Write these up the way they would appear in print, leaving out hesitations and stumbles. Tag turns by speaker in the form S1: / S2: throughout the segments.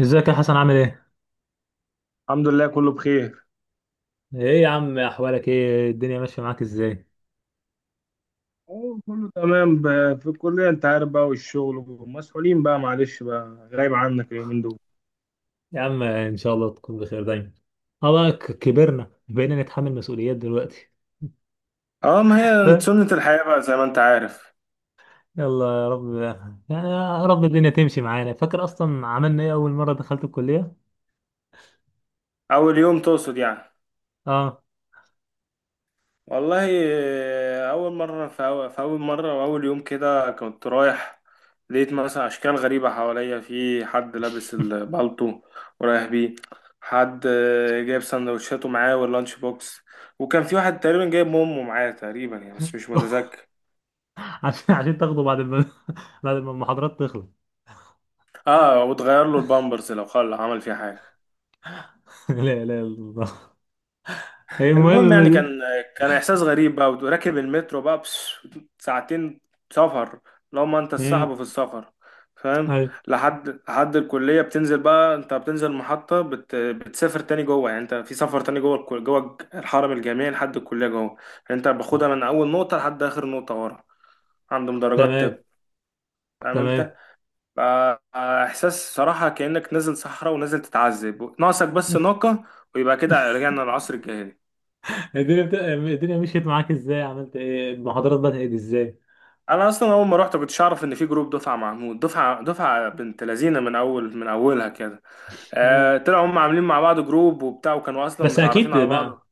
S1: ازيك يا حسن عامل ايه؟
S2: الحمد لله كله بخير.
S1: ايه يا عم احوالك ايه؟ الدنيا ماشية معاك ازاي؟
S2: كله تمام في الكلية انت عارف بقى والشغل ومسؤولين بقى، معلش بقى غايب عنك اليومين دول.
S1: يا عم ان شاء الله تكون بخير دايما. اه بقى كبرنا بقينا نتحمل مسؤوليات دلوقتي.
S2: اه ما
S1: ف-
S2: هي سنة الحياة بقى زي ما انت عارف.
S1: يلا يا رب يعني. يا رب الدنيا تمشي معانا. فاكر اصلا عملنا ايه اول مرة دخلت الكلية؟
S2: اول يوم تقصد يعني؟
S1: اه.
S2: والله آه، اول مرة في في اول مرة واول يوم كده كنت رايح، لقيت مثلا اشكال غريبة حواليا، في حد لابس البالطو ورايح بيه، حد آه، جايب سندوتشاته معاه واللانش بوكس، وكان في واحد تقريبا جايب امه معاه تقريبا يعني بس مش متذكر.
S1: عشان تاخده بعد ما بعد ما المحاضرات تخلص.
S2: اه وتغير له البامبرز لو خل عمل فيها حاجه.
S1: لا لا لا، الله. ايه
S2: المهم يعني
S1: المهم
S2: كان،
S1: دي؟
S2: كان احساس غريب بقى، وراكب المترو بقى بس ساعتين سفر، لو ما انت
S1: امم.
S2: الصاحب في السفر فاهم.
S1: ايوه.
S2: لحد الكليه، بتنزل بقى، انت بتنزل المحطه بتسافر تاني جوه، يعني انت في سفر تاني جوه جوه الحرم الجامعي لحد الكليه جوه، يعني انت
S1: آه.
S2: باخدها من اول نقطه لحد اخر نقطه، ورا عندهم درجات
S1: تمام.
S2: طب، فاهم
S1: تمام.
S2: انت؟ آه، آه، احساس صراحة كأنك نازل صحراء ونازل تتعذب، ناقصك بس ناقة، ويبقى كده رجعنا للعصر الجاهلي.
S1: الدنيا مشيت معاك ازاي؟ عملت ايه؟ المحاضرات بدأت ازاي؟
S2: انا اصلا اول ما رحت كنتش اعرف ان في جروب دفعة محمود، دفعة بنت لذينة من اول من اولها كده.
S1: مم.
S2: آه طلعوا هم عاملين مع بعض جروب وبتاع، وكانوا اصلا
S1: بس
S2: متعرفين
S1: اكيد
S2: على
S1: ما
S2: بعض.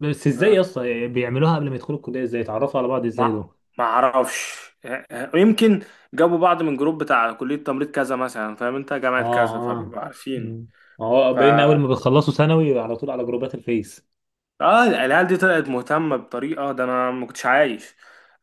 S1: بس ازاي
S2: آه
S1: اصلا بيعملوها قبل ما يدخلوا الكليه؟ ازاي يتعرفوا على بعض ازاي
S2: ما
S1: دول؟
S2: ما اعرفش. آه، آه، يمكن جابوا بعض من جروب بتاع كلية تمريض كذا مثلا، فاهم انت، جامعة
S1: اه.
S2: كذا،
S1: اه.
S2: فبيبقوا عارفين.
S1: مم. ما هو
S2: ف
S1: بقينا اول ما بتخلصوا ثانوي على طول على جروبات الفيس.
S2: اه العيال دي طلعت مهتمة بطريقة، ده انا ما كنتش عايش.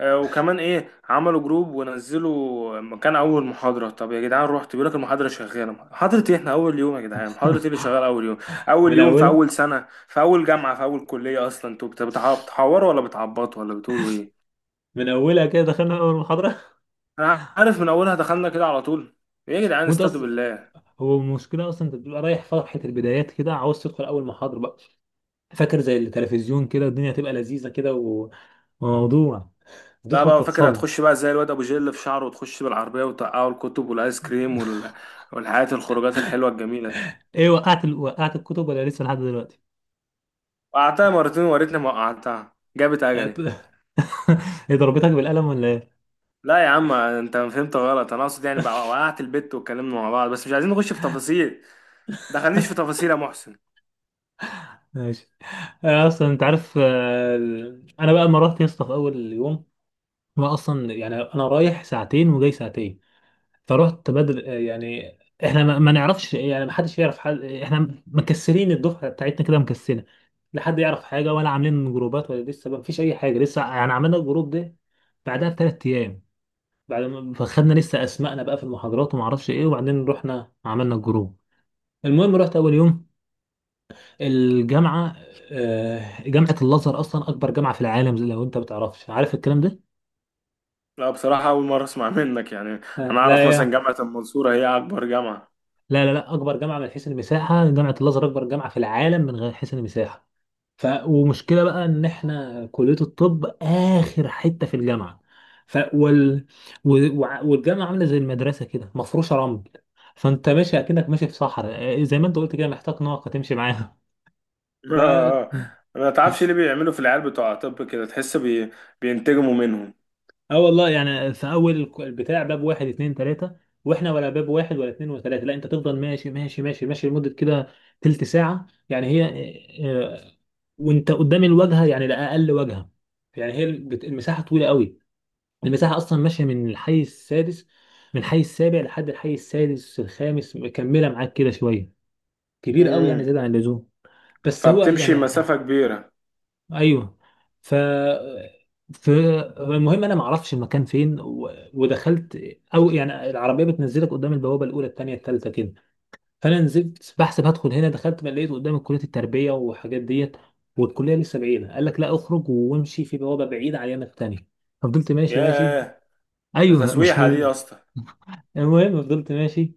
S2: آه وكمان ايه، عملوا جروب ونزلوا مكان اول محاضرة، طب يا جدعان، رحت بيقول لك المحاضرة شغالة، محاضرة ايه احنا اول يوم، يا جدعان محاضرة ايه اللي شغال اول يوم؟ اول
S1: من
S2: يوم في
S1: اولها،
S2: اول سنة في اول جامعة في اول كلية اصلا، انتوا بتحوروا ولا بتعبطوا ولا بتقولوا ايه؟
S1: من اولها كده دخلنا اول محاضره.
S2: انا عارف من اولها دخلنا كده على طول. ايه يا جدعان
S1: وانت
S2: استهدوا
S1: اصلا،
S2: بالله.
S1: هو المشكله اصلا انت بتبقى رايح فرحه البدايات كده، عاوز تدخل اول محاضره بقى. فاكر زي التلفزيون كده الدنيا تبقى لذيذه كده وموضوع،
S2: لا
S1: تدخل
S2: بقى، فاكر
S1: تتصدم.
S2: هتخش بقى زي الواد ابو جيل في شعره، وتخش بالعربية وتقعوا الكتب والايس كريم والحاجات الخروجات الحلوة الجميلة.
S1: ايه وقعت وقعت الكتب ولا لسه لحد دلوقتي؟
S2: وقعتها مرتين، ووريتني ما وقعتها جابت اجلي.
S1: هي ضربتك بالقلم ولا ايه؟
S2: لا يا عم انت فهمت غلط، انا اقصد يعني بقى وقعت البت واتكلمنا مع بعض، بس مش عايزين نخش في تفاصيل. دخلنيش في تفاصيل يا محسن.
S1: ماشي. أنا اصلا انت عارف انا بقى لما رحت يا اسطى في اول يوم، ما اصلا يعني انا رايح ساعتين وجاي ساعتين، فرحت بدل يعني احنا ما نعرفش يعني ما حدش يعرف حد، احنا مكسرين الدفعه بتاعتنا كده مكسره، لا حد يعرف حاجه ولا عاملين جروبات ولا لسه ما فيش اي حاجه، لسه يعني عملنا الجروب ده بعدها بثلاث ايام، بعد ما فخدنا لسه اسمائنا بقى في المحاضرات وما اعرفش ايه، وبعدين رحنا عملنا الجروب. المهم رحت اول يوم الجامعة، جامعة الأزهر أصلا أكبر جامعة في العالم، زي لو أنت بتعرفش، عارف الكلام ده؟
S2: لا بصراحة أول مرة أسمع منك يعني.
S1: آه،
S2: أنا
S1: لا
S2: أعرف مثلا
S1: يا
S2: جامعة المنصورة هي أكبر جامعة.
S1: لا لا لا، أكبر جامعة من حيث المساحة، جامعة الأزهر أكبر جامعة في العالم من غير حيث المساحة. ومشكلة بقى إن إحنا كلية الطب آخر حتة في الجامعة. ف... وال... و... وع- والجامعة عاملة زي المدرسة كده مفروشة رمل، فأنت ماشي أكنك ماشي في صحراء، آه، زي ما أنت قلت كده محتاج ناقة تمشي معاها. ف...
S2: آه،
S1: مم.
S2: ما تعرفش ليه بيعملوا في العيال بتوع طب كده؟ تحس بينتجموا منهم.
S1: اه والله يعني في اول البتاع باب واحد اتنين تلاته، واحنا ولا باب واحد ولا اتنين وتلاته، لا انت تفضل ماشي لمده كده، تلت ساعه يعني هي، آه، آه، وانت قدام الواجهه، يعني ده اقل واجهه، يعني هي المساحه طويله قوي. المساحه اصلا ماشيه من الحي السادس، من الحي السابع، لحد الحي السادس الخامس مكمله معاك كده شويه، كبير قوي يعني
S2: امم،
S1: زياده عن اللزوم، بس هو
S2: فبتمشي
S1: يعني.
S2: مسافة كبيرة.
S1: ايوه. ف ف المهم انا ما اعرفش المكان فين ودخلت، او يعني العربيه بتنزلك قدام البوابه الاولى الثانيه الثالثه كده، فانا نزلت بحسب هدخل هنا، دخلت ما لقيت قدام كليه التربيه وحاجات ديت، والكليه لسه بعيده، قال لك لا اخرج وامشي في بوابه بعيده على اليمين الثانيه، ففضلت ماشي.
S2: ياه، ده
S1: ايوه مش
S2: تسويحة دي يا
S1: من
S2: اسطى.
S1: المهم فضلت ماشي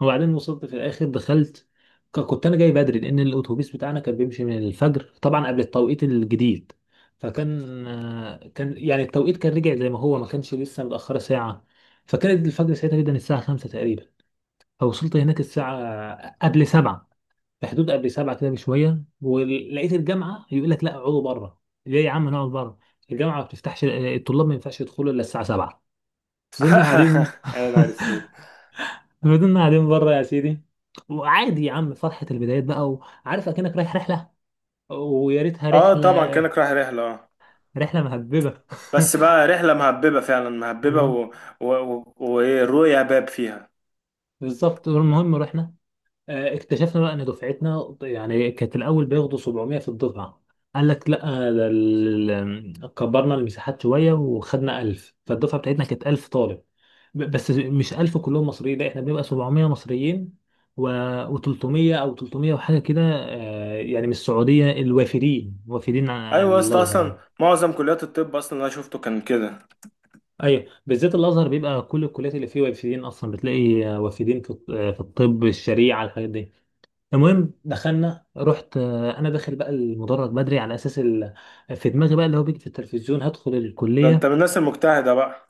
S1: وبعدين وصلت في الاخر دخلت. كنت انا جاي بدري لان الاتوبيس بتاعنا كان بيمشي من الفجر طبعا قبل التوقيت الجديد، فكان كان يعني التوقيت كان رجع زي ما هو، ما كانش لسه متاخره ساعه، فكانت الفجر ساعتها جدا الساعه 5 تقريبا، فوصلت هناك الساعه قبل 7، في حدود قبل 7 كده بشويه، ولقيت الجامعه يقول لك لا اقعدوا بره، ليه يا عم نقعد بره؟ الجامعه ما بتفتحش، الطلاب ما ينفعش يدخلوا الا الساعه 7. فضلنا قاعدين.
S2: يا نهار اسود.
S1: فضلنا قاعدين بره يا سيدي. وعادي يا عم فرحة البدايات بقى، وعارف اكنك رايح رحلة، ويا ريتها
S2: اه
S1: رحلة،
S2: طبعا كأنك رايح رحلة، اه.
S1: رحلة مهببة.
S2: بس بقى رحلة مهببة فعلا، مهببة
S1: مم.
S2: و... و... و... وإيه، الرؤية باب فيها.
S1: بالظبط. المهم رحنا، آه، اكتشفنا بقى ان دفعتنا يعني كانت الاول بياخدوا 700 في الدفعه، قال لك لا، كبرنا المساحات شويه وخدنا 1000، فالدفعه بتاعتنا كانت 1000 طالب. بس مش 1000 كلهم مصريين، لا احنا بنبقى 700 مصريين، و و300 او 300 وحاجه كده، آه، يعني من السعوديه الوافدين، وافدين على
S2: أيوة يا اسطى،
S1: الازهر
S2: أصلا
S1: يعني.
S2: معظم كليات الطب أصلا اللي أنا شفته كان كده.
S1: ايوه بالذات الازهر بيبقى كل الكليات اللي فيه وافدين اصلا، بتلاقي آه، وافدين في في الطب الشريعه الحاجات دي. المهم دخلنا، رحت آه، انا داخل بقى المدرج بدري على اساس في دماغي بقى اللي هو بيجي في التلفزيون هدخل
S2: ده أنت من
S1: الكليه.
S2: الناس المجتهدة بقى.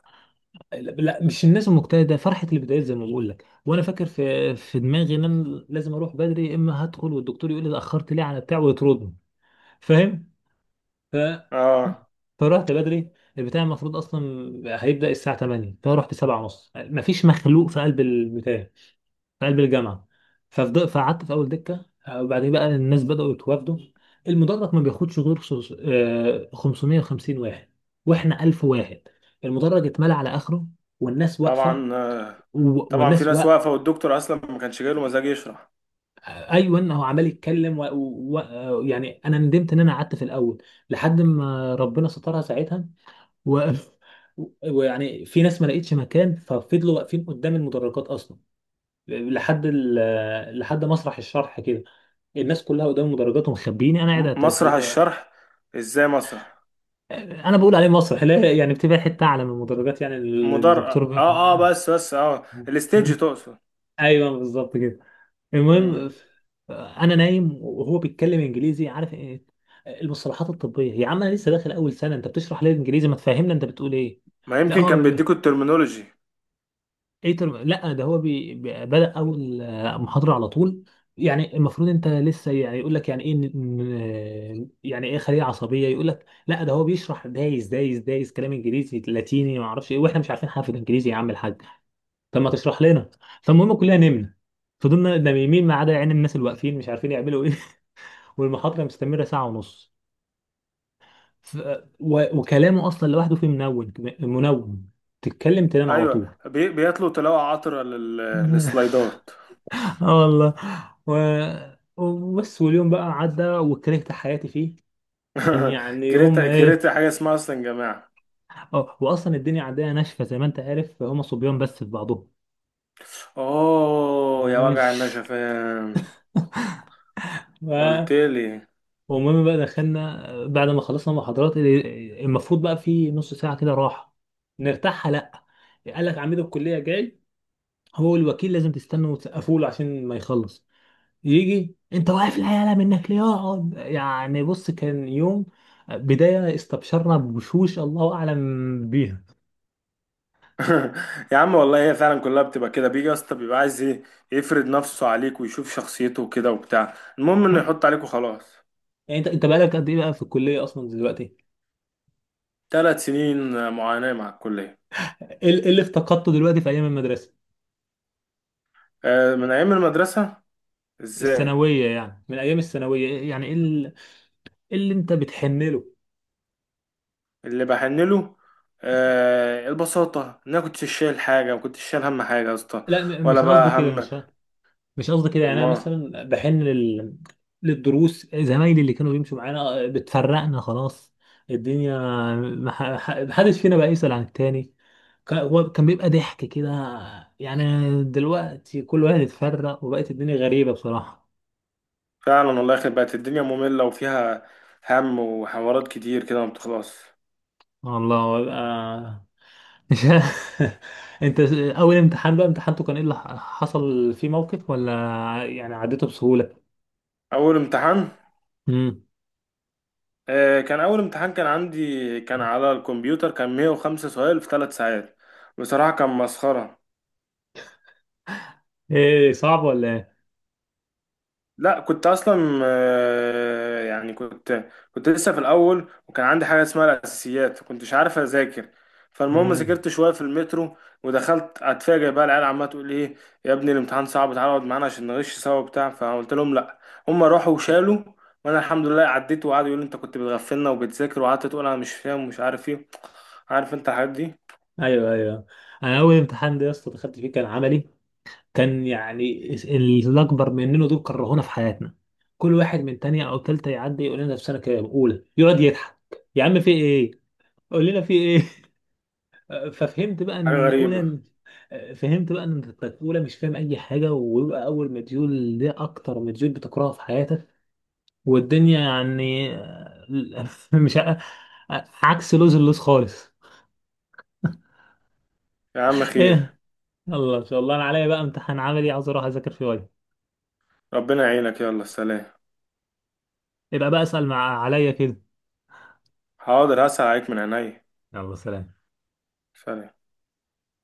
S1: لا مش الناس المجتهده، فرحه البدايات زي ما بقول لك، وانا فاكر في دماغي ان انا لازم اروح بدري، اما هدخل والدكتور يقول لي اتاخرت ليه على بتاع ويطردني، فاهم؟ ف...
S2: آه
S1: فرحت بدري، البتاع المفروض اصلا هيبدا الساعه 8، فرحت 7 ونص، مفيش مخلوق في قلب البتاع، في قلب الجامعه. فقعدت في اول دكه، آه، وبعدين بقى الناس بداوا يتوافدوا. المدرج ما بياخدش غير 550 واحد، واحنا 1000 واحد، المدرج اتملى على اخره والناس واقفه،
S2: طبعا، آه،
S1: و-
S2: طبعا في
S1: والناس و...
S2: ناس واقفة، والدكتور أصلا ما كانش جايله مزاج يشرح.
S1: ايوه هو عمال يتكلم، و... و... آه، يعني انا ندمت ان انا قعدت في الاول لحد ما ربنا سترها ساعتها. و... ويعني في ناس ما لقيتش مكان ففضلوا واقفين قدام المدرجات اصلا، لحد لحد مسرح الشرح كده، الناس كلها قدام المدرجات ومخبيني، انا قاعد على
S2: مسرح
S1: التلفزيون آه.
S2: الشرح، إزاي مسرح؟
S1: انا بقول عليه مسرح، لا يعني بتبقى حته اعلى من المدرجات، يعني
S2: مدر
S1: الدكتور
S2: آه آه،
S1: آه.
S2: بس آه الستيج
S1: مم.
S2: تقصد.
S1: ايوه بالظبط كده.
S2: مم،
S1: المهم انا نايم وهو بيتكلم انجليزي، عارف ايه، المصطلحات الطبيه يا عم، انا لسه داخل اول سنه انت بتشرح لي الانجليزي، ما تفهمنا انت بتقول ايه.
S2: ما
S1: لا
S2: يمكن كان
S1: هو،
S2: بيديكوا الترمينولوجي.
S1: ايه ترم، لا ده هو بدأ اول آه، محاضرة على طول، يعني المفروض انت لسه يعني يقول لك يعني ايه يعني ايه خلية عصبية، يقول لك لا ده هو بيشرح دايس كلام انجليزي لاتيني ما اعرفش ايه، واحنا مش عارفين حاجة في الانجليزي يا عم الحاج، طب ما تشرح لنا. فالمهم كلنا نمنا، فضلنا نايمين ما عدا يعني الناس اللي واقفين مش عارفين يعملوا ايه. والمحاضرة مستمرة ساعة ونص. ف... وكلامه اصلا لوحده فيه منون، منون تتكلم تنام على
S2: أيوة
S1: طول.
S2: بيطلوا تلاقوا عطرة للسلايدات.
S1: اه والله. و... وبس واليوم بقى عدى وكرهت حياتي فيه، كان يعني يوم
S2: كريتا
S1: ايه.
S2: كريتا حاجة اسمها أصلا جماعة.
S1: اه واصلا الدنيا عندنا ناشفه زي ما انت عارف، هم صبيان بس في بعضهم.
S2: أوه يا
S1: مم.
S2: وجع النشفان.
S1: و-
S2: قلت لي.
S1: والمهم بقى دخلنا بعد ما خلصنا محاضرات المفروض بقى في نص ساعه كده راحه نرتاحها، لا قال لك عميد الكليه جاي، هو الوكيل لازم تستنوا وتسقفوا له عشان ما يخلص يجي، انت واقف العيال منك ليه، يقعد يعني، بص كان يوم بداية استبشرنا بوشوش الله اعلم بيها.
S2: يا عم والله هي فعلا كلها بتبقى كده، بيجي يا اسطى بيبقى عايز ايه؟ يفرض نفسه عليك ويشوف شخصيته وكده وبتاع، المهم انه
S1: ها؟
S2: يحط عليك وخلاص.
S1: يعني انت بقالك قد ايه بقى في الكلية اصلا دلوقتي؟
S2: ثلاث سنين معاناة مع الكلية.
S1: ايه إيه اللي افتقدته دلوقتي في ايام المدرسة
S2: آه، من أيام المدرسة. ازاي؟
S1: الثانوية يعني، من ايام الثانويه يعني ايه إيه اللي انت بتحن له؟
S2: اللي بحن له، آه، البساطة، إن أنا كنتش شايل حاجة، ما كنتش شايل هم حاجة يا اسطى،
S1: لا
S2: ولا
S1: مش قصدي
S2: بقى
S1: كده،
S2: هم.
S1: مش قصدي كده، يعني انا
S2: أمال.
S1: مثلا بحن للدروس، زمايلي اللي كانوا بيمشوا معانا آه، بتفرقنا خلاص الدنيا، ما محدش فينا بقى يسأل عن التاني، كان هو كان بيبقى ضحك كده يعني، دلوقتي كل واحد اتفرق وبقت الدنيا غريبة بصراحة.
S2: فعلا والله يخرب، بقت الدنيا مملة وفيها هم وحوارات كتير كده ما بتخلص.
S1: والله ببقى مش انت، اول امتحان بقى امتحانته كان ايه، اللي حصل فيه موقف ولا يعني عديته بسهولة؟
S2: أول امتحان؟
S1: امم.
S2: آه، كان أول امتحان كان عندي كان على الكمبيوتر، كان 105 سؤال في ثلاث ساعات. بصراحة كان مسخرة.
S1: ايه صعب ولا ايه؟
S2: لا كنت اصلا آه، يعني كنت، كنت لسه في الاول، وكان عندي حاجه اسمها الاساسيات، فكنتش عارف اذاكر. فالمهم
S1: امم.
S2: ذاكرت شويه في المترو، ودخلت اتفاجئ بقى العيال عماله تقول ايه، يا ابني الامتحان صعب تعالى اقعد معانا عشان نغش سوا وبتاع، فقلت لهم لا. هم راحوا وشالوا، وانا الحمد لله عديت، وقعدوا يقولوا انت كنت بتغفلنا وبتذاكر، وقعدت تقول انا مش فاهم ومش عارف ايه. عارف انت الحاجات دي.
S1: ايوه ايوه. انا اول امتحان ده يا اسطى دخلت فيه كان عملي، كان يعني الاكبر مننا دول كرهونا في حياتنا، كل واحد من تانية او تالتة يعدي يقول لنا في سنه كام، اولى، يقعد يضحك، يا عم في ايه، قول لنا في ايه. ففهمت بقى
S2: حاجه
S1: ان
S2: غريبه.
S1: اولى، فهمت بقى ان اولى مش فاهم اي حاجه، ويبقى اول مديول ده اكتر مديول بتكرهه في حياتك والدنيا يعني. مش ع- عكس لوز، اللوز خالص.
S2: يا عم خير.
S1: ايه يلا ان شاء الله، انا عليا بقى امتحان عملي عاوز اروح اذاكر فيه وجه،
S2: ربنا يعينك، يلا سلام.
S1: يبقى بقى اسال مع عليا كده.
S2: حاضر هسأل عليك من عينيا.
S1: يلا سلام.
S2: سلام.